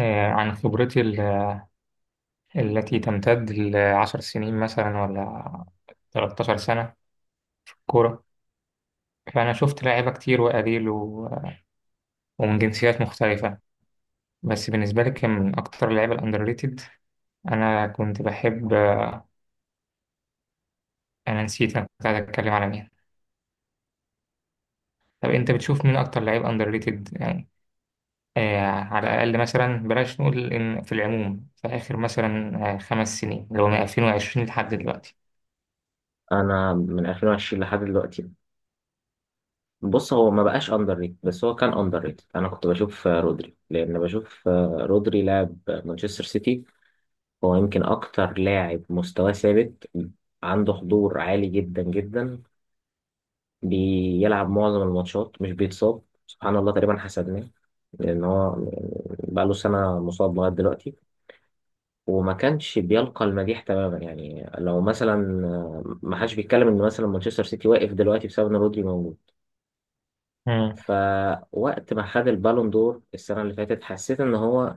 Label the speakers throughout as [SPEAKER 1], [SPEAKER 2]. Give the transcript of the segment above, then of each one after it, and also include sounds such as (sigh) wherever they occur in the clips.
[SPEAKER 1] عن التي تمتد لعشر سنين مثلا ولا 13 سنة كورة. فأنا شفت لعيبة كتير ومن جنسيات مختلفة. بس بالنسبة لي كان من أكتر اللعيبة الأندر ريتد. أنا كنت بحب أنا نسيت أنا كنت عايز أتكلم على مين. طب أنت بتشوف مين أكتر لعيب أندر ريتد يعني؟ آه، على الأقل مثلا بلاش نقول، إن في العموم في آخر مثلا 5 سنين، اللي هو من 2020 لحد دلوقتي.
[SPEAKER 2] انا من 2020 لحد دلوقتي. بص، هو ما بقاش اندر ريت بس هو كان اندر ريت. انا كنت بشوف رودري، لان بشوف رودري لاعب مانشستر سيتي. هو يمكن اكتر لاعب مستواه ثابت، عنده حضور عالي جدا جدا، بيلعب معظم الماتشات، مش بيتصاب سبحان الله، تقريبا حسدناه. لان هو بقى له سنه مصاب لغايه دلوقتي وما كانش بيلقى المديح تماما. يعني لو مثلا، ما حدش بيتكلم ان مثلا مانشستر سيتي واقف دلوقتي بسبب ان رودري موجود.
[SPEAKER 1] مم.
[SPEAKER 2] فوقت ما خد البالون دور السنة اللي فاتت، حسيت ان هو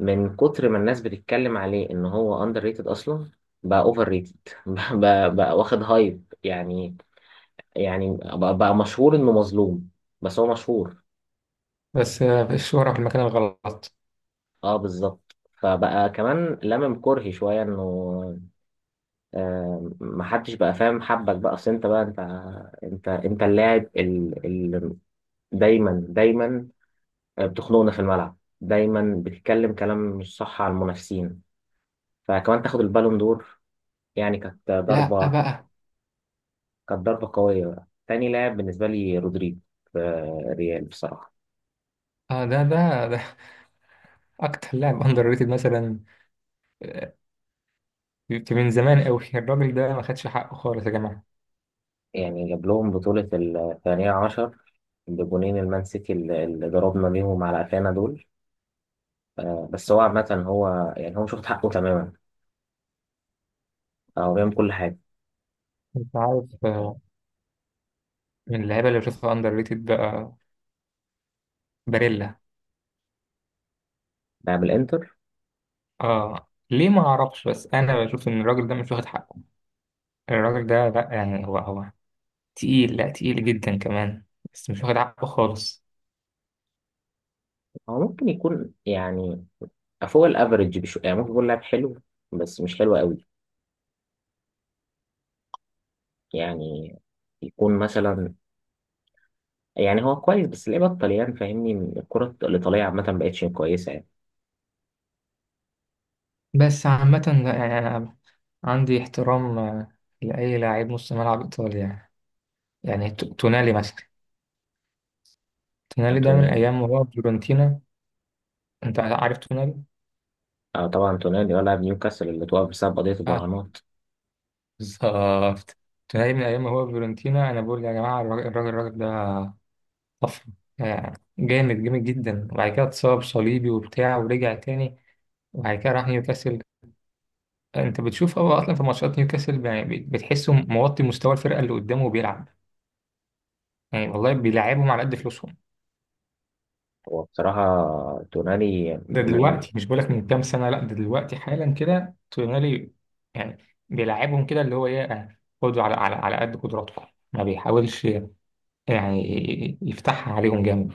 [SPEAKER 2] من كتر ما الناس بتتكلم عليه ان هو اندر ريتد اصلا، بقى اوفر ريتد. (laughs) بقى واخد هايب يعني. يعني بقى مشهور انه مظلوم، بس هو مشهور.
[SPEAKER 1] بس الشهرة في المكان الغلط.
[SPEAKER 2] اه بالظبط، فبقى كمان لمم كرهي شوية انه، آه، محدش بقى فاهم حبك بقى. اصل انت بقى، انت اللاعب اللي دايما بتخنقنا في الملعب، دايما بتتكلم كلام مش صح على المنافسين، فكمان تاخد البالون دور. يعني كانت
[SPEAKER 1] لا
[SPEAKER 2] ضربة،
[SPEAKER 1] بقى.
[SPEAKER 2] كانت ضربة قوية. بقى تاني لاعب بالنسبة لي رودريجو في ريال بصراحة.
[SPEAKER 1] اه، ده ده اكتر لاعب (laughs) اندر ريتد مثلا. آه، من زمان قوي الراجل ده ما خدش حقه خالص يا جماعه.
[SPEAKER 2] يعني جاب لهم بطولة 12 بجونين المان سيتي اللي ضربنا بيهم على قفانا دول. بس هو عامة، هو يعني هو مش واخد حقه تماما، هو بيعمل كل حاجة.
[SPEAKER 1] انت عارف، من اللعيبه اللي بشوفها اندر ريتد بقى، باريلا.
[SPEAKER 2] لاعب الانتر
[SPEAKER 1] اه، ليه؟ ما اعرفش، بس انا بشوف ان الراجل ده مش واخد حقه. الراجل ده، لا يعني، هو تقيل، لا تقيل جدا كمان. بس مش واخد حقه خالص.
[SPEAKER 2] هو ممكن يكون يعني فوق الافريج بشو، يعني ممكن يكون لاعب حلو بس مش حلو قوي. يعني يكون مثلا، يعني هو كويس بس ليه بطل، يعني فاهمني؟ الكرة الإيطالية عامة مبقتش كويسة يعني.
[SPEAKER 1] بس عامه لا، يعني انا عندي احترام، لاي لاعب نص ملعب ايطالي يعني. يعني تونالي مثلا. تونالي ده من
[SPEAKER 2] أتوني؟
[SPEAKER 1] ايام ما هو فيورنتينا. انت عارف تونالي؟
[SPEAKER 2] آه طبعا، تونالي ولا نيوكاسل اللي توقف بسبب قضية
[SPEAKER 1] آه،
[SPEAKER 2] المراهنات.
[SPEAKER 1] بالظبط. تلاقي من أيام ما هو في فيورنتينا، أنا بقول يا جماعة، الراجل ده طفرة. يعني جامد جدا، وبعد كده اتصاب صليبي وبتاع، ورجع تاني، وبعد كده راح نيوكاسل. أنت بتشوف هو أصلا في ماتشات نيوكاسل، يعني بتحسه موطي مستوى الفرقة اللي قدامه وبيلعب. يعني والله بيلعبهم على قد فلوسهم.
[SPEAKER 2] هو بصراحة تونالي
[SPEAKER 1] ده
[SPEAKER 2] من،
[SPEAKER 1] دلوقتي، مش بقولك من كام سنة، لا ده دلوقتي حالا كده تونالي. يعني بيلعبهم كده اللي هو إيه، يعني خدوا على قد قدراتكم. ما بيحاولش يعني يفتحها عليهم جامد.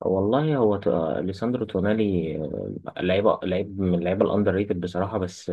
[SPEAKER 2] والله هو ليساندرو تونالي لعيبة لعيب من اللعيبة الأندر ريتد بصراحة، بس،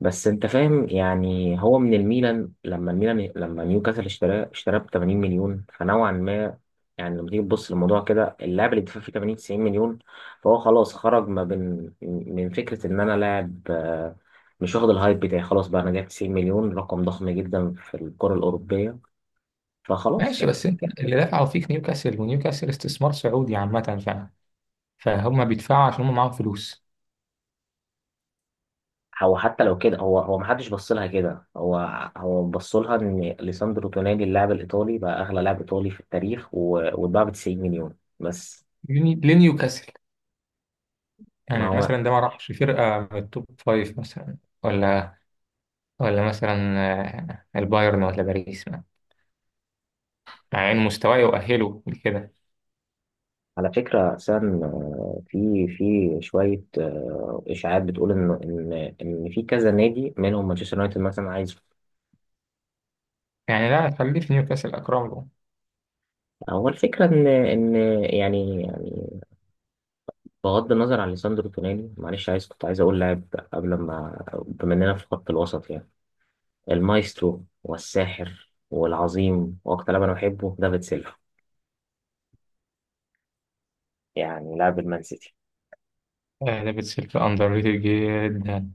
[SPEAKER 2] بس انت فاهم يعني؟ هو من الميلان، لما الميلان، لما نيوكاسل اشتراه، اشتراه ب 80 مليون، فنوعا ما يعني لما تيجي تبص للموضوع كده، اللاعب اللي دفع فيه 80 90 مليون، فهو خلاص خرج ما بين، من فكره ان انا لاعب مش واخد الهايب بتاعي، خلاص بقى انا جايب 90 مليون، رقم ضخم جدا في الكره الاوروبيه، فخلاص
[SPEAKER 1] ماشي،
[SPEAKER 2] يعني.
[SPEAKER 1] بس انت اللي دافعوا فيك نيوكاسل، ونيوكاسل استثمار سعودي عامة فعلا، فهم بيدفعوا عشان هم معاهم فلوس.
[SPEAKER 2] هو حتى لو كده، هو ما حدش بص لها كده. هو هو بص لها ان ليساندرو تونالي اللاعب الايطالي بقى اغلى لاعب ايطالي في التاريخ و- واتباع ب 90 مليون، بس.
[SPEAKER 1] لنيوكاسل.
[SPEAKER 2] ما
[SPEAKER 1] يعني
[SPEAKER 2] هو
[SPEAKER 1] مثلا ده ما راحش فرقة من التوب فايف مثلا، ولا مثلا، البايرن، ولا باريس ما. مع ان مستواه يؤهله لكده.
[SPEAKER 2] على فكرة أساسا، في شوية إشاعات بتقول إن إن في كذا نادي منهم مانشستر يونايتد مثلا عايز.
[SPEAKER 1] يعني لا، خليه في نيوكاسل اكرم له.
[SPEAKER 2] هو الفكرة إن، يعني بغض النظر عن ليساندرو تونالي، معلش عايز، كنت عايز أقول لاعب قبل، ما بما إننا في خط الوسط يعني، المايسترو والساحر والعظيم وأكتر لاعب أنا بحبه، دافيد سيلفا، يعني لاعب المان سيتي.
[SPEAKER 1] دافيد سيلفا اندر ريتد جدا.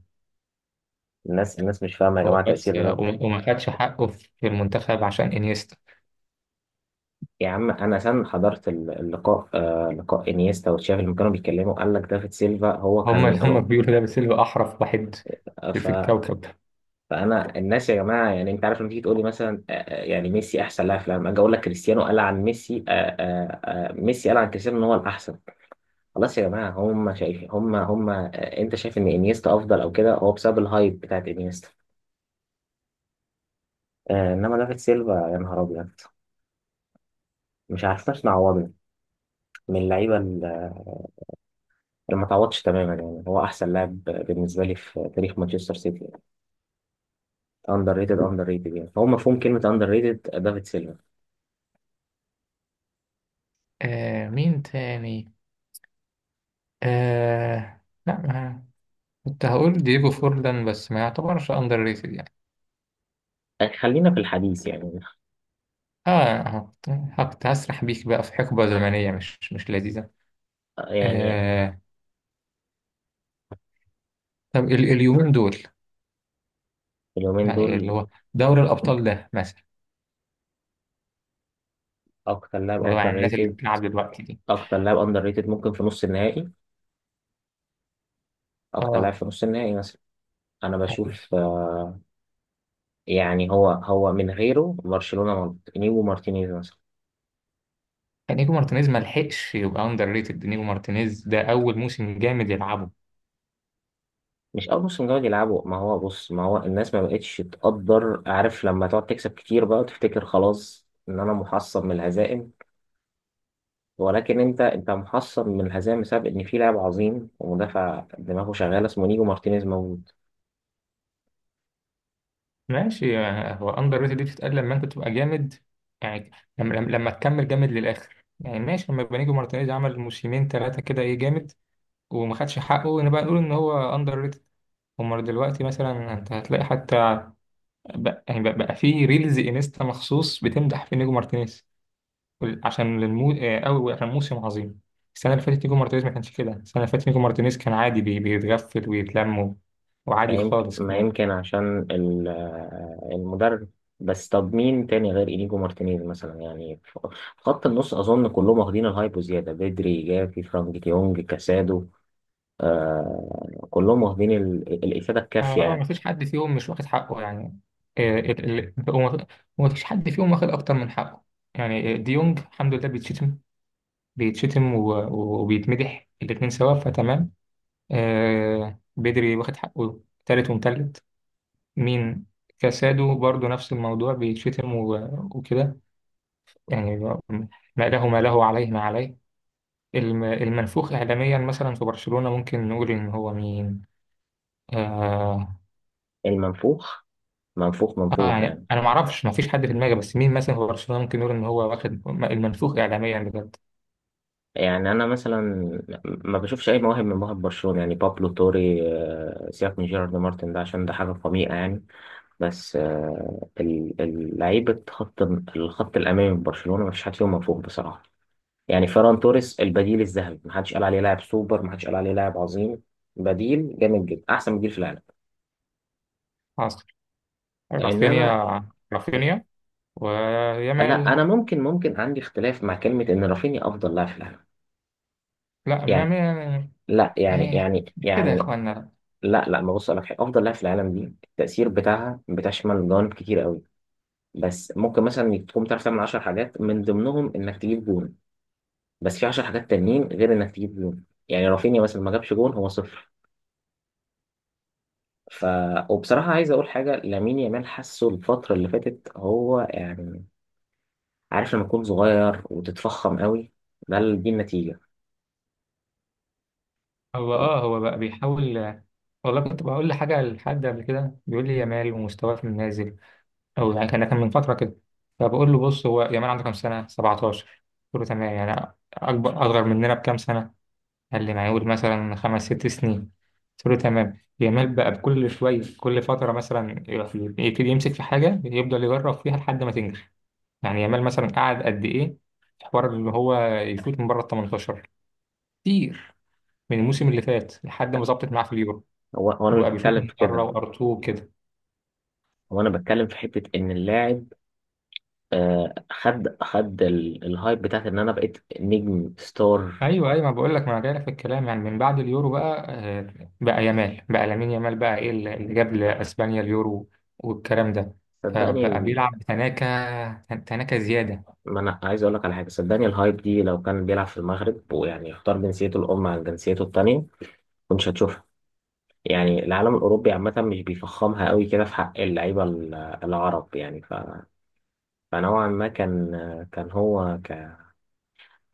[SPEAKER 2] الناس مش فاهمة يا
[SPEAKER 1] هو
[SPEAKER 2] جماعة تأثير.
[SPEAKER 1] بس، وما خدش حقه في المنتخب عشان انيستا.
[SPEAKER 2] يا عم انا سام حضرت ال- اللقاء، آه لقاء انيستا وتشافي لما كانوا بيتكلموا، قال لك دافيد سيلفا هو
[SPEAKER 1] هم اللي
[SPEAKER 2] كان
[SPEAKER 1] هم
[SPEAKER 2] رعب.
[SPEAKER 1] بيقولوا دافيد سيلفا احرف واحد
[SPEAKER 2] ف،
[SPEAKER 1] في الكوكب.
[SPEAKER 2] فانا، الناس يا جماعه، يعني انت عارف لما تيجي تقول لي مثلا، يعني ميسي احسن لاعب في العالم، اجي اقول لك كريستيانو قال عن ميسي آه، ميسي قال عن كريستيانو ان هو الاحسن. خلاص يا جماعه، هم شايفين، هم انت شايف ان انيستا افضل او كده هو بسبب الهايب بتاعت انيستا. انما دافيد سيلفا يا نهار ابيض، مش عارفناش نعوضه من اللعيبه. ما تعوضش تماما، يعني هو احسن لاعب بالنسبه لي في تاريخ مانشستر سيتي. اندر ريتد، اندر ريتد يعني، فهو مفهوم كلمه اندر ريتد، دافيد سيلفا.
[SPEAKER 1] آه، مين تاني؟ آه، لا، ما كنت هقول دييجو فورلان بس ما يعتبرش اندر ريتد يعني.
[SPEAKER 2] خلينا في الحديث يعني،
[SPEAKER 1] اه، كنت هسرح بيك بقى في حقبة زمنية مش لذيذة.
[SPEAKER 2] يعني
[SPEAKER 1] آه، طب اليومين دول،
[SPEAKER 2] اليومين
[SPEAKER 1] يعني
[SPEAKER 2] دول
[SPEAKER 1] اللي هو دوري الأبطال ده مثلا،
[SPEAKER 2] اكتر لاعب
[SPEAKER 1] اللي هو يعني
[SPEAKER 2] اندر
[SPEAKER 1] الناس اللي
[SPEAKER 2] ريتد،
[SPEAKER 1] بتلعب دلوقتي دي.
[SPEAKER 2] اكتر لاعب اندر ريتد ممكن في نص النهائي، اكتر لاعب
[SPEAKER 1] اه،
[SPEAKER 2] في نص النهائي مثلا. انا بشوف يعني هو، هو من غيره برشلونه مالت، نيجو مارتينيز مثلا.
[SPEAKER 1] نيجو مارتينيز ما لحقش يبقى اندر ريتد. نيجو مارتينيز ده أول موسم جامد يلعبه.
[SPEAKER 2] مش اول موسم جاي يلعبوا، ما هو بص، ما هو الناس ما بقتش تقدر، عارف لما تقعد تكسب كتير بقى وتفتكر خلاص ان انا محصن من الهزائم، ولكن انت، انت محصن من الهزيمه بسبب ان في لاعب عظيم ومدافع دماغه شغاله اسمه نيجو مارتينيز موجود.
[SPEAKER 1] ماشي، يعني هو اندر ريتد دي بتتقال لما انت تبقى جامد، يعني لما تكمل جامد للاخر. يعني ماشي، لما بنيجو مارتينيز عمل موسمين ثلاثه كده، ايه جامد وما خدش حقه، نبقى نقول ان هو اندر ريتد. امال دلوقتي مثلا انت هتلاقي حتى بقى، بقى في ريلز انستا مخصوص بتمدح في نيجو مارتينيز. عشان او عشان موسم عظيم. السنه اللي فاتت نيجو مارتينيز ما كانش كده. السنه اللي فاتت نيجو مارتينيز كان عادي، بيتغفل ويتلم
[SPEAKER 2] ما
[SPEAKER 1] وعادي
[SPEAKER 2] يمكن
[SPEAKER 1] خالص
[SPEAKER 2] ما
[SPEAKER 1] كمان.
[SPEAKER 2] يمكن عشان ال- المدرب. بس طب مين تاني غير انيجو مارتينيز مثلا يعني، ف- في خط النص، اظن كلهم واخدين الهايب وزياده، بدري، جافي، فرانك ديونج، كاسادو. آه كلهم واخدين ال- الافاده الكافيه
[SPEAKER 1] اه، اه، ما
[SPEAKER 2] يعني.
[SPEAKER 1] فيش حد فيهم مش واخد حقه يعني. آه، وما فيش حد فيهم واخد اكتر من حقه. يعني آه، ديونج الحمد لله بيتشتم وبيتمدح الاتنين سوا، فتمام. آه، بدري واخد حقه، تالت ومتلت. مين؟ كاسادو برضو نفس الموضوع، بيتشتم وكده يعني. ما له عليه ما عليه. المنفوخ إعلاميا مثلا في برشلونة، ممكن نقول إن هو مين؟ آه،
[SPEAKER 2] المنفوخ، منفوخ
[SPEAKER 1] اه
[SPEAKER 2] منفوخ
[SPEAKER 1] يعني
[SPEAKER 2] يعني؟
[SPEAKER 1] انا ما اعرفش، ما فيش حد في دماغي، بس مين مثلا في برشلونه ممكن نقول ان هو واخد المنفوخ اعلاميا بجد؟
[SPEAKER 2] يعني انا مثلا ما بشوفش اي مواهب من مواهب برشلونه يعني، بابلو توري، سيبك من جيرارد مارتن ده عشان ده حاجه قميئه يعني. بس، ال- ال- لعيبه خط، الخط الامامي من برشلونه ما فيش حد فيهم منفوخ بصراحه. يعني فيران توريس البديل الذهبي، ما حدش قال عليه لاعب سوبر، ما حدش قال عليه لاعب عظيم، بديل جامد جدا، احسن بديل في العالم.
[SPEAKER 1] حاصل،
[SPEAKER 2] انما،
[SPEAKER 1] رافينيا
[SPEAKER 2] لا
[SPEAKER 1] ويامال.
[SPEAKER 2] انا ممكن، ممكن عندي اختلاف مع كلمه ان رافينيا افضل لاعب في العالم
[SPEAKER 1] لا،
[SPEAKER 2] يعني. لا، يعني
[SPEAKER 1] يعني
[SPEAKER 2] يعني
[SPEAKER 1] مش كده يا
[SPEAKER 2] يعني
[SPEAKER 1] اخوانا.
[SPEAKER 2] لا لا، ما، بص لك حاجة، أفضل لاعب في العالم دي التأثير بتاعها بتشمل جوانب كتير قوي. بس ممكن مثلا تقوم تعرف تعمل 10 حاجات من ضمنهم إنك تجيب جون، بس في 10 حاجات تانيين غير إنك تجيب جون. يعني رافينيا مثلا ما جابش جون، هو صفر. ف، وبصراحة عايز أقول حاجة، لامين يامال حاسه الفترة اللي فاتت هو يعني، عارف لما تكون صغير وتتفخم قوي، ده ال-، دي النتيجة
[SPEAKER 1] هو
[SPEAKER 2] يعني.
[SPEAKER 1] اه، هو بقى بيحاول. والله كنت بقول لحاجه، لحد قبل كده بيقول لي يامال ومستواه في النازل، او يعني كان من فتره كده. فبقول له بص، هو يامال عنده كام سنه؟ 17. قلت له تمام، يعني اكبر اصغر مننا بكام سنه. قال لي معقول مثلا 5 6 سنين. قلت له تمام، جمال بقى بكل شوية، كل فترة مثلا يروح يبتدي يمسك في حاجة يفضل يجرب فيها لحد ما تنجح. يعني جمال مثلا قعد قد إيه في حوار اللي هو يشوط من بره ال 18 كتير، من الموسم اللي فات لحد ما ظبطت معاه في اليورو.
[SPEAKER 2] هو أنا مش
[SPEAKER 1] وبقى بيشوط
[SPEAKER 2] بتكلم
[SPEAKER 1] من
[SPEAKER 2] في
[SPEAKER 1] بره
[SPEAKER 2] كده،
[SPEAKER 1] وأرتو كده.
[SPEAKER 2] هو أنا بتكلم في حتة إن اللاعب، خد ال- الهايب بتاعت ان انا بقيت نجم ستار.
[SPEAKER 1] ايوه ما بقول لك، ما انا جاي لك في الكلام، يعني من بعد اليورو بقى بقى يامال، بقى لامين يامال، بقى ايه اللي جاب لاسبانيا اليورو والكلام ده.
[SPEAKER 2] صدقني
[SPEAKER 1] فبقى
[SPEAKER 2] ال...،
[SPEAKER 1] بيلعب بتناكة، تناكة زياده.
[SPEAKER 2] ما انا عايز اقول لك على حاجه، صدقني الهايب دي لو كان بيلعب في المغرب ويعني اختار جنسيته الام عن جنسيته التانية، كنتش هتشوفها. يعني العالم الاوروبي عامه مش بيفخمها قوي كده في حق اللعيبه ال- العرب يعني. ف...، فنوعا ما كان، كان هو ك...،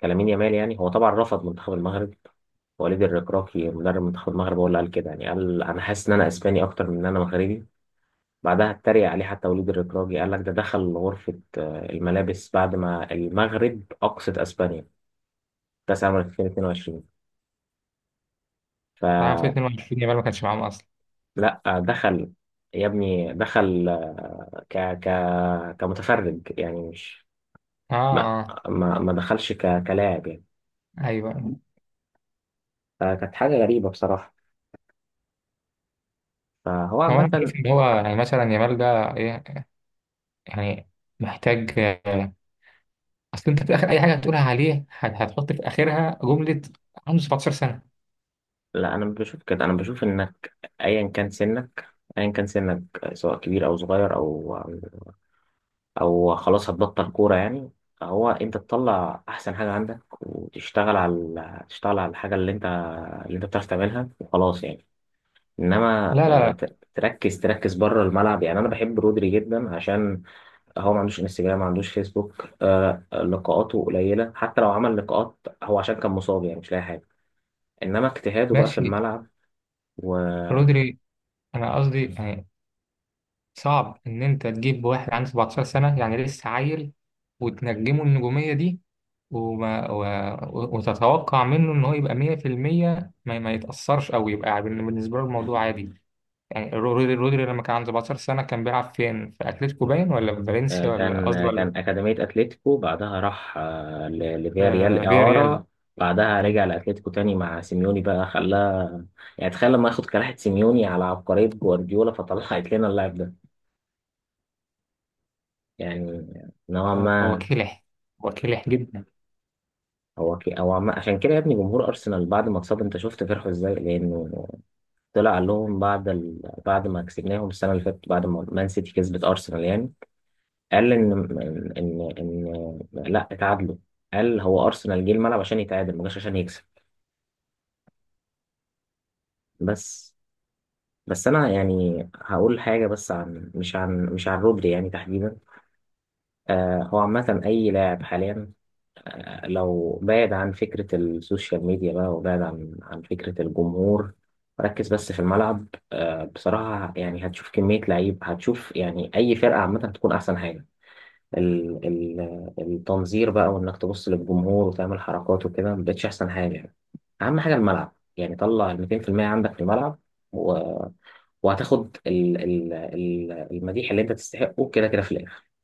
[SPEAKER 2] كلامين يامال، يعني هو طبعا رفض منتخب المغرب. وليد الركراكي مدرب منتخب المغرب هو اللي قال كده، يعني قال انا حاسس ان انا اسباني اكتر من ان انا مغربي. بعدها اتريق عليه حتى وليد الركراجي، قال لك ده دخل غرفة الملابس بعد ما المغرب أقصت أسبانيا كأس العالم 2022.
[SPEAKER 1] طبعا في
[SPEAKER 2] فلا،
[SPEAKER 1] 22 يامال ما كانش معاهم اصلا.
[SPEAKER 2] دخل، يا ابني دخل، ك ك كمتفرج يعني، مش،
[SPEAKER 1] اه،
[SPEAKER 2] ما،
[SPEAKER 1] اه،
[SPEAKER 2] ما دخلش ك كلاعب يعني.
[SPEAKER 1] ايوه.
[SPEAKER 2] فكانت حاجة غريبة بصراحة. فهو
[SPEAKER 1] هو انا
[SPEAKER 2] عامة،
[SPEAKER 1] بشوف ان هو يعني مثلا يامال ده ايه يعني، محتاج، اصل انت في اخر اي حاجه هتقولها عليه هتحط في اخرها جمله، عنده 17 سنه.
[SPEAKER 2] لا أنا بشوف كده. أنا بشوف إنك أيا كان سنك، أيا كان سنك سواء كبير أو صغير أو او خلاص هتبطل كوره يعني، هو انت تطلع احسن حاجه عندك وتشتغل على، تشتغل على الحاجه اللي انت، اللي انت بتعرف تعملها وخلاص يعني. انما
[SPEAKER 1] لا لا
[SPEAKER 2] تركز بره الملعب يعني. انا بحب رودري جدا عشان هو ما عندوش انستجرام، ما عندوش فيسبوك، لقاءاته قليله، حتى لو عمل لقاءات هو عشان كان مصاب يعني، مش لاقي حاجه، انما اجتهاده بقى في
[SPEAKER 1] ماشي
[SPEAKER 2] الملعب. و...،
[SPEAKER 1] رودري. انا قصدي يعني، صعب إن أنت تجيب واحد عنده 17 سنة، يعني لسه عيل، وتنجمه النجومية دي، وما و... وتتوقع منه إن هو يبقى 100% ما يتأثرش أو يبقى عادي. بالنسبة له الموضوع عادي. يعني رودري لما كان عنده 17 سنة كان بيلعب فين؟ في أتلتيكو باين، ولا في فالنسيا،
[SPEAKER 2] كان
[SPEAKER 1] ولا،
[SPEAKER 2] كان أكاديمية أتلتيكو، بعدها راح ل- لفياريال
[SPEAKER 1] آه،
[SPEAKER 2] إعارة، بعدها رجع لأتلتيكو تاني مع سيميوني بقى خلاه، يعني تخيل لما ياخد كلاحة سيميوني على عبقرية جوارديولا، فطلعت لنا اللاعب ده يعني. نوعا
[SPEAKER 1] هو
[SPEAKER 2] ما،
[SPEAKER 1] كلح، هو كلح جدا.
[SPEAKER 2] هو كي، هو عم...، عشان كده يا ابني جمهور أرسنال بعد ما اتصاب أنت شفت فرحه إزاي؟ لأنه طلع قال لهم بعد ال...، بعد ما كسبناهم السنة اللي فاتت، بعد ما مان سيتي كسبت أرسنال يعني، قال ان ان لا اتعادلوا، قال هو ارسنال جه الملعب عشان يتعادل ما جاش عشان يكسب، بس. بس انا يعني هقول حاجه بس عن، مش عن، مش عن رودري يعني تحديدا. آه هو عامه اي لاعب حاليا، آه لو بعد عن فكره السوشيال ميديا بقى وبعد عن فكره الجمهور، ركز بس في الملعب. آه بصراحه يعني هتشوف كميه لعيب، هتشوف يعني اي فرقه عامه هتكون احسن حاجه. ال- ال- التنظير بقى، وانك تبص للجمهور وتعمل حركات وكده ما بقتش احسن حاجه يعني. اهم حاجه الملعب يعني، طلع ال 200% عندك في الملعب، و...، وهتاخد ال...، ال...، ال- المديح اللي انت تستحقه كده كده في الاخر.